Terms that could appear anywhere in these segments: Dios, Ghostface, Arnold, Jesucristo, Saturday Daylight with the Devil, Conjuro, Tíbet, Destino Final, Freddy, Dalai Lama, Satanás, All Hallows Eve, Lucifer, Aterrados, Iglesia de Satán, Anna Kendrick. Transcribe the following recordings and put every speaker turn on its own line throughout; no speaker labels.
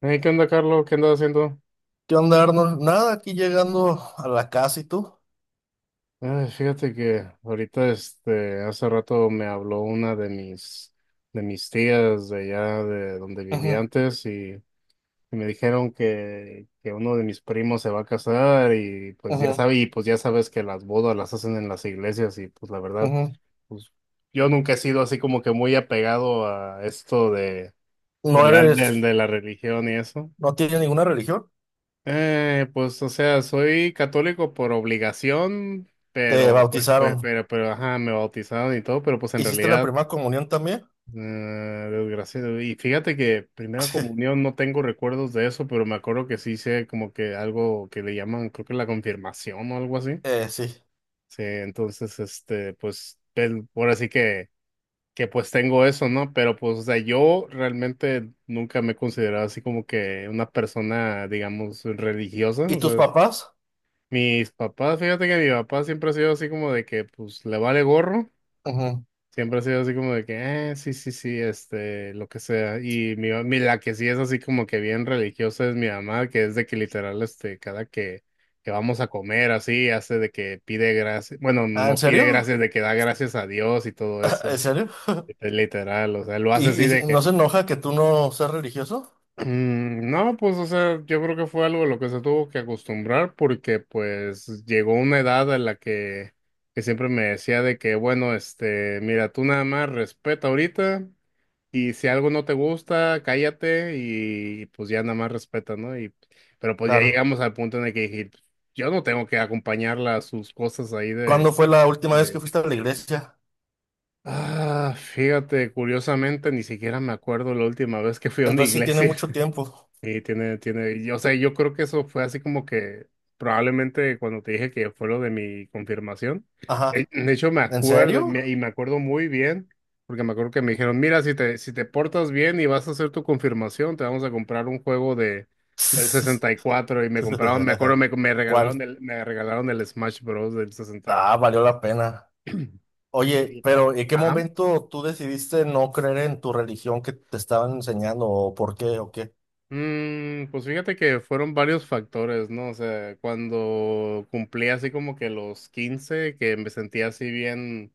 Hey, ¿qué onda, Carlos? ¿Qué andas haciendo?
¿Qué onda, Arnold? Nada, aquí llegando a la casa y tú.
Ay, fíjate que ahorita, hace rato me habló una de mis tías de allá de donde vivía
Ujú,
antes y me dijeron que uno de mis primos se va a casar y pues
ujú,
ya sabes que las bodas las hacen en las iglesias y pues la verdad,
ujú.
pues yo nunca he sido así como que muy apegado a esto de,
No
del ar- del-
eres,
de la religión y eso.
no tienes ninguna religión.
Pues, o sea, soy católico por obligación,
Te
pero,
bautizaron.
ajá, me bautizaron y todo, pero pues en
¿Hiciste la
realidad,
primera comunión también?
eh, desgraciado. Y fíjate que primera
Sí,
comunión no tengo recuerdos de eso, pero me acuerdo que sí hice como que algo que le llaman, creo que la confirmación o algo así.
Sí.
Sí, entonces, pues, ahora sí que pues tengo eso, ¿no? Pero pues, o sea, yo realmente nunca me he considerado así como que una persona, digamos, religiosa,
¿Y
o
tus
sea,
papás?
mis papás, fíjate que mi papá siempre ha sido así como de que, pues, le vale gorro.
Ujú.
Siempre ha sido así como de que, sí, sí, sí, lo que sea. Y la que sí es así como que bien religiosa es mi mamá, que es de que literal, cada que vamos a comer, así, hace de que pide gracias. Bueno,
Ah, ¿en
no pide
serio?
gracias, de que da gracias a Dios y todo
¿En
eso.
serio?
Literal, o sea, lo hace
¿Y,
así.
y no se enoja que tú no seas religioso?
No, pues, o sea, yo creo que fue algo a lo que se tuvo que acostumbrar porque, pues, llegó una edad en la que siempre me decía de que, bueno, mira, tú nada más respeta ahorita y si algo no te gusta, cállate y, pues ya nada más respeta, ¿no? Pero pues ya
Claro.
llegamos al punto en el que dije, yo no tengo que acompañarla a sus cosas ahí.
¿Cuándo fue la última vez que
De-
fuiste a la iglesia?
Ah, fíjate, curiosamente ni siquiera me acuerdo la última vez que fui a una
Entonces sí tiene
iglesia.
mucho tiempo.
Sí, tiene, y, o sea, yo creo que eso fue así como que probablemente cuando te dije que fue lo de mi confirmación.
Ajá.
De hecho, me
¿En
acuerdo y
serio?
me y me acuerdo muy bien, porque me acuerdo que me dijeron, mira, si te portas bien y vas a hacer tu confirmación, te vamos a comprar un juego de del sesenta y cuatro y me compraron, me acuerdo, me
¿Cuál?
regalaron el Smash Bros. Del 64.
Ah, valió la pena. Oye, pero ¿en qué
Ajá.
momento tú decidiste no creer en tu religión que te estaban enseñando o por qué o qué?
Pues fíjate que fueron varios factores, ¿no? O sea, cuando cumplí así como que los 15 que me sentía así bien,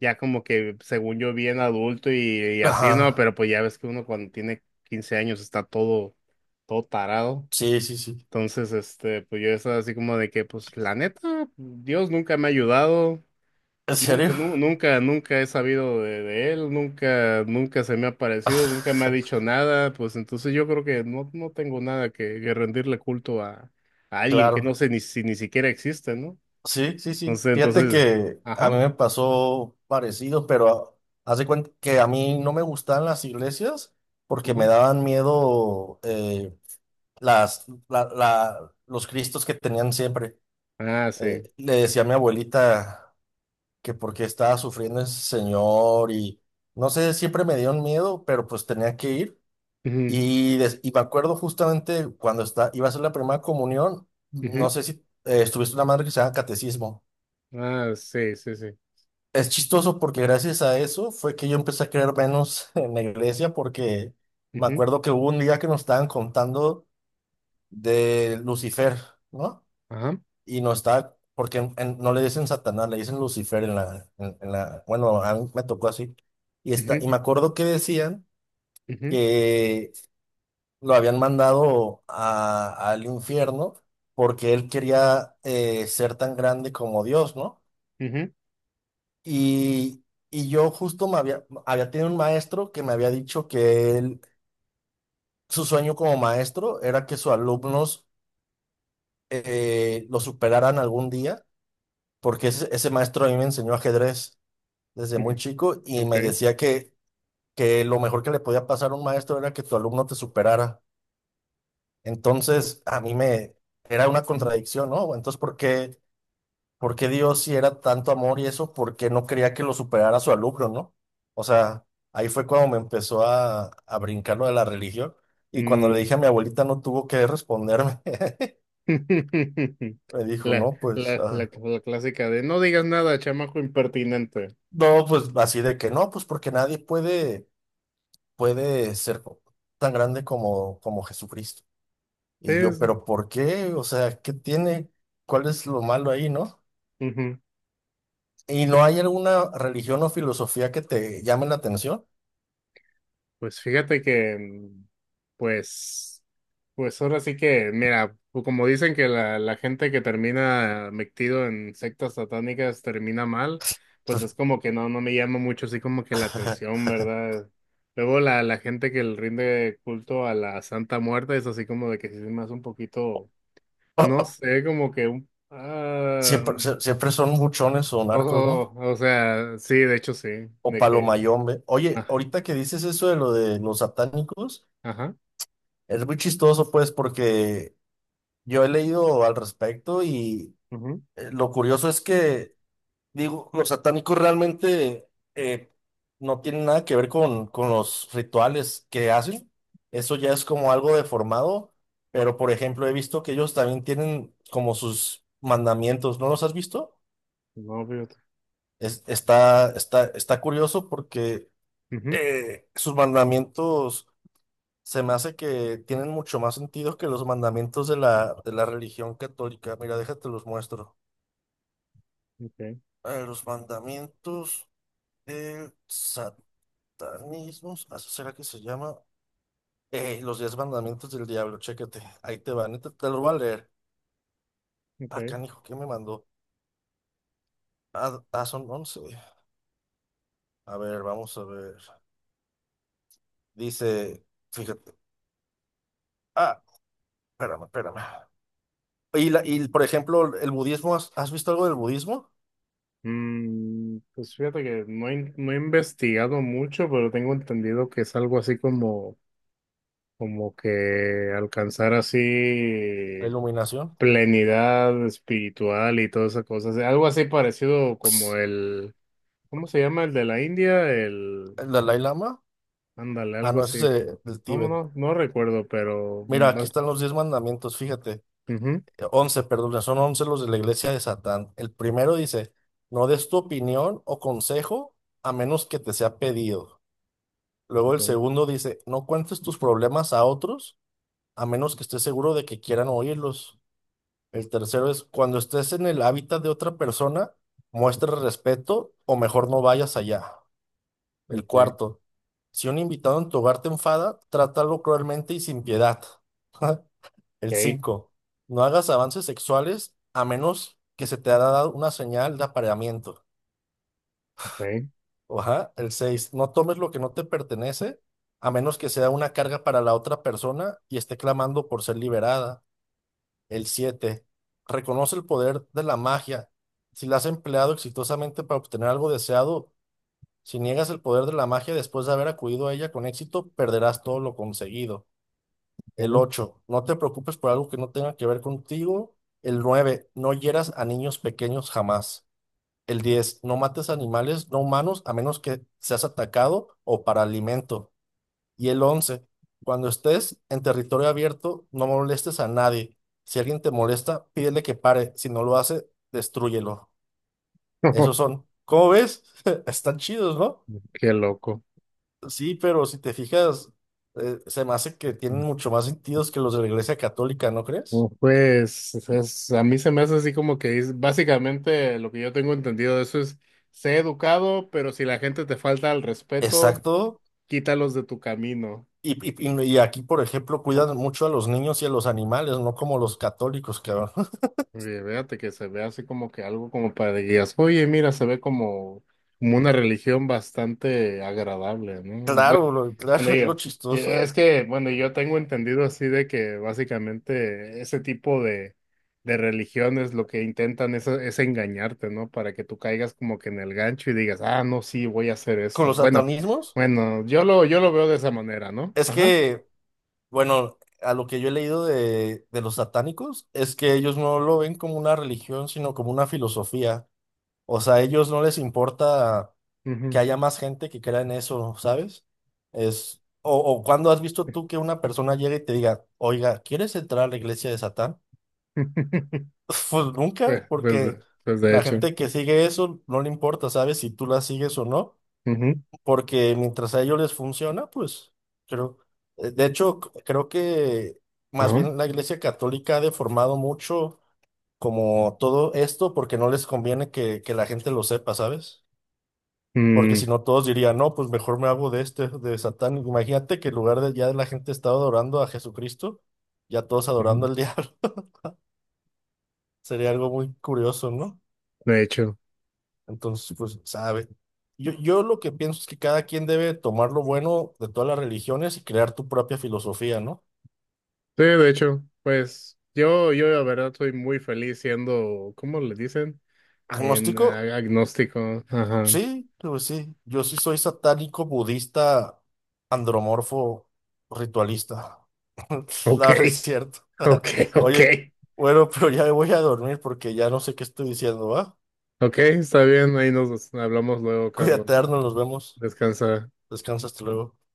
ya como que según yo bien adulto y así, ¿no?
Ajá,
Pero pues ya ves que uno cuando tiene 15 años está todo tarado.
sí, sí, sí.
Entonces, pues yo estaba así como de que, pues la neta, Dios nunca me ha ayudado,
¿En
nunca,
serio?
nunca, nunca he sabido de él, nunca, nunca se me ha parecido, nunca me ha dicho nada, pues entonces yo creo que no, no tengo nada que rendirle culto a alguien que no
Claro,
sé ni siquiera existe, ¿no?
sí, sí, sí.
Entonces,
Fíjate
entonces,
que a mí
ajá,
me pasó parecido, pero haz de cuenta que a mí no me gustaban las iglesias porque me
ujú,
daban miedo los cristos que tenían siempre.
ah, sí,
Le decía a mi abuelita que por qué estaba sufriendo ese señor y no sé, siempre me dio un miedo, pero pues tenía que ir.
ujú,
Y me acuerdo justamente cuando iba a ser la primera comunión, no
ujú,
sé si estuviste una madre que se llama catecismo.
ah, sí, sí, sí,
Es chistoso porque gracias a eso fue que yo empecé a creer menos en la iglesia porque me
ujú,
acuerdo que hubo un día que nos estaban contando de Lucifer, ¿no?
ajá,
Y no está, porque no le dicen Satanás, le dicen Lucifer en la, bueno, a mí me tocó así. Y y
ujú,
me acuerdo que decían
ujú,
que lo habían mandado al infierno porque él quería ser tan grande como Dios, ¿no?
ujú,
Y, y yo justo me había tenido un maestro que me había dicho que él, su sueño como maestro era que sus alumnos lo superaran algún día, porque ese maestro a mí me enseñó ajedrez desde muy
ujú,
chico y me
okay,
decía que lo mejor que le podía pasar a un maestro era que tu alumno te superara. Entonces, a mí me era una
ujú,
contradicción, ¿no? Entonces, ¿por qué Dios, si era tanto amor y eso, por qué no quería que lo superara su alumno, ¿no? O sea, ahí fue cuando me empezó a brincar lo de la religión y cuando le
mm,
dije a mi abuelita no tuvo que responderme. Me dijo,
La,
no, pues,
la, la, la clásica de no digas nada, chamaco impertinente.
no, pues así de que no, pues porque nadie puede ser tan grande como Jesucristo. Y yo,
Sí,
pero ¿por qué? O sea, ¿qué tiene? ¿Cuál es lo malo ahí, no?
ujú,
¿Y
sí.
no hay alguna religión o filosofía que te llame la atención?
Pues fíjate que, pues, pues ahora sí que, mira, pues como dicen que la gente que termina metido en sectas satánicas termina mal, pues
Pues,
es como que no, no me llama mucho así como que la atención, ¿verdad? Luego la gente que le rinde culto a la Santa Muerte es así como de que sí se me hace un poquito, no sé, como que un,
Siempre son buchones o
o,
narcos, ¿no?
o, o sea, sí, de hecho sí,
O
de que,
palomayombe. Oye,
ah,
ahorita que dices eso de lo de los satánicos,
ajá.
es muy chistoso, pues, porque yo he leído al respecto y
Ujú.
lo curioso es que digo, los satánicos realmente eh, no tienen nada que ver con los rituales que hacen. Eso ya es como algo deformado. Pero, por ejemplo, he visto que ellos también tienen como sus mandamientos. ¿No los has visto?
No,
Está curioso porque
ujú,
sus mandamientos se me hace que tienen mucho más sentido que los mandamientos de la religión católica. Mira, déjate los muestro.
okay,
A ver, los mandamientos del Satanismos, ¿así será que se llama? Los diez mandamientos del diablo, chécate, ahí te van, te lo voy a leer. Ah,
okay.
canijo, ¿qué me mandó? Ah, ah, son once. A ver, vamos a ver. Dice, fíjate, ah, espérame, espérame. Y, por ejemplo, el budismo, ¿has visto algo del budismo?
Pues fíjate que no he investigado mucho, pero tengo entendido que es algo así como, como que alcanzar así
La iluminación.
plenidad espiritual y todas esas cosas. Algo así parecido como
Ps,
el, ¿cómo se llama? El de la India,
¿el Dalai Lama?
ándale,
Ah,
algo
no, ese
así.
es del
No, no,
Tíbet.
no no recuerdo, pero
Mira, aquí están los diez mandamientos, fíjate.
ujú,
Once, perdón, son once los de la iglesia de Satán. El primero dice, no des tu opinión o consejo a menos que te sea pedido. Luego el
okay,
segundo dice, no cuentes tus problemas a otros a menos que estés seguro de que quieran oírlos. El tercero es, cuando estés en el hábitat de otra persona, muestra respeto o mejor no vayas allá. El
okay,
cuarto, si un invitado en tu hogar te enfada, trátalo cruelmente y sin piedad. El 5. No hagas avances sexuales a menos que se te haya dado una señal de apareamiento.
okay,
Ajá. El 6. No tomes lo que no te pertenece a menos que sea una carga para la otra persona y esté clamando por ser liberada. El 7. Reconoce el poder de la magia. Si la has empleado exitosamente para obtener algo deseado, si niegas el poder de la magia después de haber acudido a ella con éxito, perderás todo lo conseguido. El
okay,
ocho, no te preocupes por algo que no tenga que ver contigo. El nueve, no hieras a niños pequeños jamás. El diez, no mates animales no humanos a menos que seas atacado o para alimento. Y el once, cuando estés en territorio abierto, no molestes a nadie. Si alguien te molesta, pídele que pare. Si no lo hace, destrúyelo.
okay.
Esos son. ¿Cómo ves? Están chidos, ¿no?
Qué loco.
Sí, pero si te fijas, se me hace que tienen mucho más sentidos que los de la Iglesia Católica, ¿no crees?
Oh, pues a mí se me hace así como que básicamente lo que yo tengo entendido de eso es, sé educado, pero si la gente te falta el respeto,
Exacto.
quítalos de tu camino.
Y, y aquí, por ejemplo, cuidan mucho a los niños y a los animales, no como los católicos, cabrón.
Oye, fíjate que se ve así como que algo como para que digas, oye, mira, se ve como, una religión bastante agradable, ¿no?
Claro, lo-
Bueno,
claro, es lo
yo- y
chistoso.
es que, bueno, yo tengo entendido así de que básicamente ese tipo de religiones lo que intentan es engañarte, ¿no? Para que tú caigas como que en el gancho y digas, ah, no, sí, voy a hacer
Con
esto.
los
Bueno,
satanismos,
bueno, yo lo veo de esa manera, ¿no?
es
Ajá.
que, bueno, a lo que yo he leído de los satánicos, es que ellos no lo ven como una religión, sino como una filosofía. O sea, a ellos no les importa que
Ujú.
haya más gente que crea en eso, ¿sabes? O, cuando has visto tú que una persona llega y te diga, oiga, ¿quieres entrar a la iglesia de Satán? Pues nunca,
Pues, pues,
porque
pues, de
la
hecho.
gente que sigue eso no le importa, ¿sabes? Si tú la sigues o no,
Ujú.
porque mientras a ellos les funciona, pues creo. De hecho, creo que más
Ajá.
bien la Iglesia Católica ha deformado mucho como todo esto porque no les conviene que la gente lo sepa, ¿sabes? Porque
Mm.
si no, todos dirían, no, pues mejor me hago de este, de Satán. Imagínate que en lugar de ya la gente estaba adorando a Jesucristo, ya todos
Ujú.
adorando al diablo. Sería algo muy curioso, ¿no?
De hecho,
Entonces, pues, sabe. Yo lo que pienso es que cada quien debe tomar lo bueno de todas las religiones y crear tu propia filosofía, ¿no?
sí, de hecho, pues yo la verdad soy muy feliz siendo, ¿cómo le dicen?
Agnóstico,
Agnóstico. Ajá.
sí, pues sí. Yo sí soy satánico, budista, andromorfo, ritualista.
Ok,
No, no es cierto.
ok, ok.
Oye, bueno, pero ya me voy a dormir porque ya no sé qué estoy diciendo, ¿va?
Ok, está bien, ahí nos hablamos luego, Carlos.
Cuídate, Arnold, nos vemos.
Descansa.
Descansa hasta luego.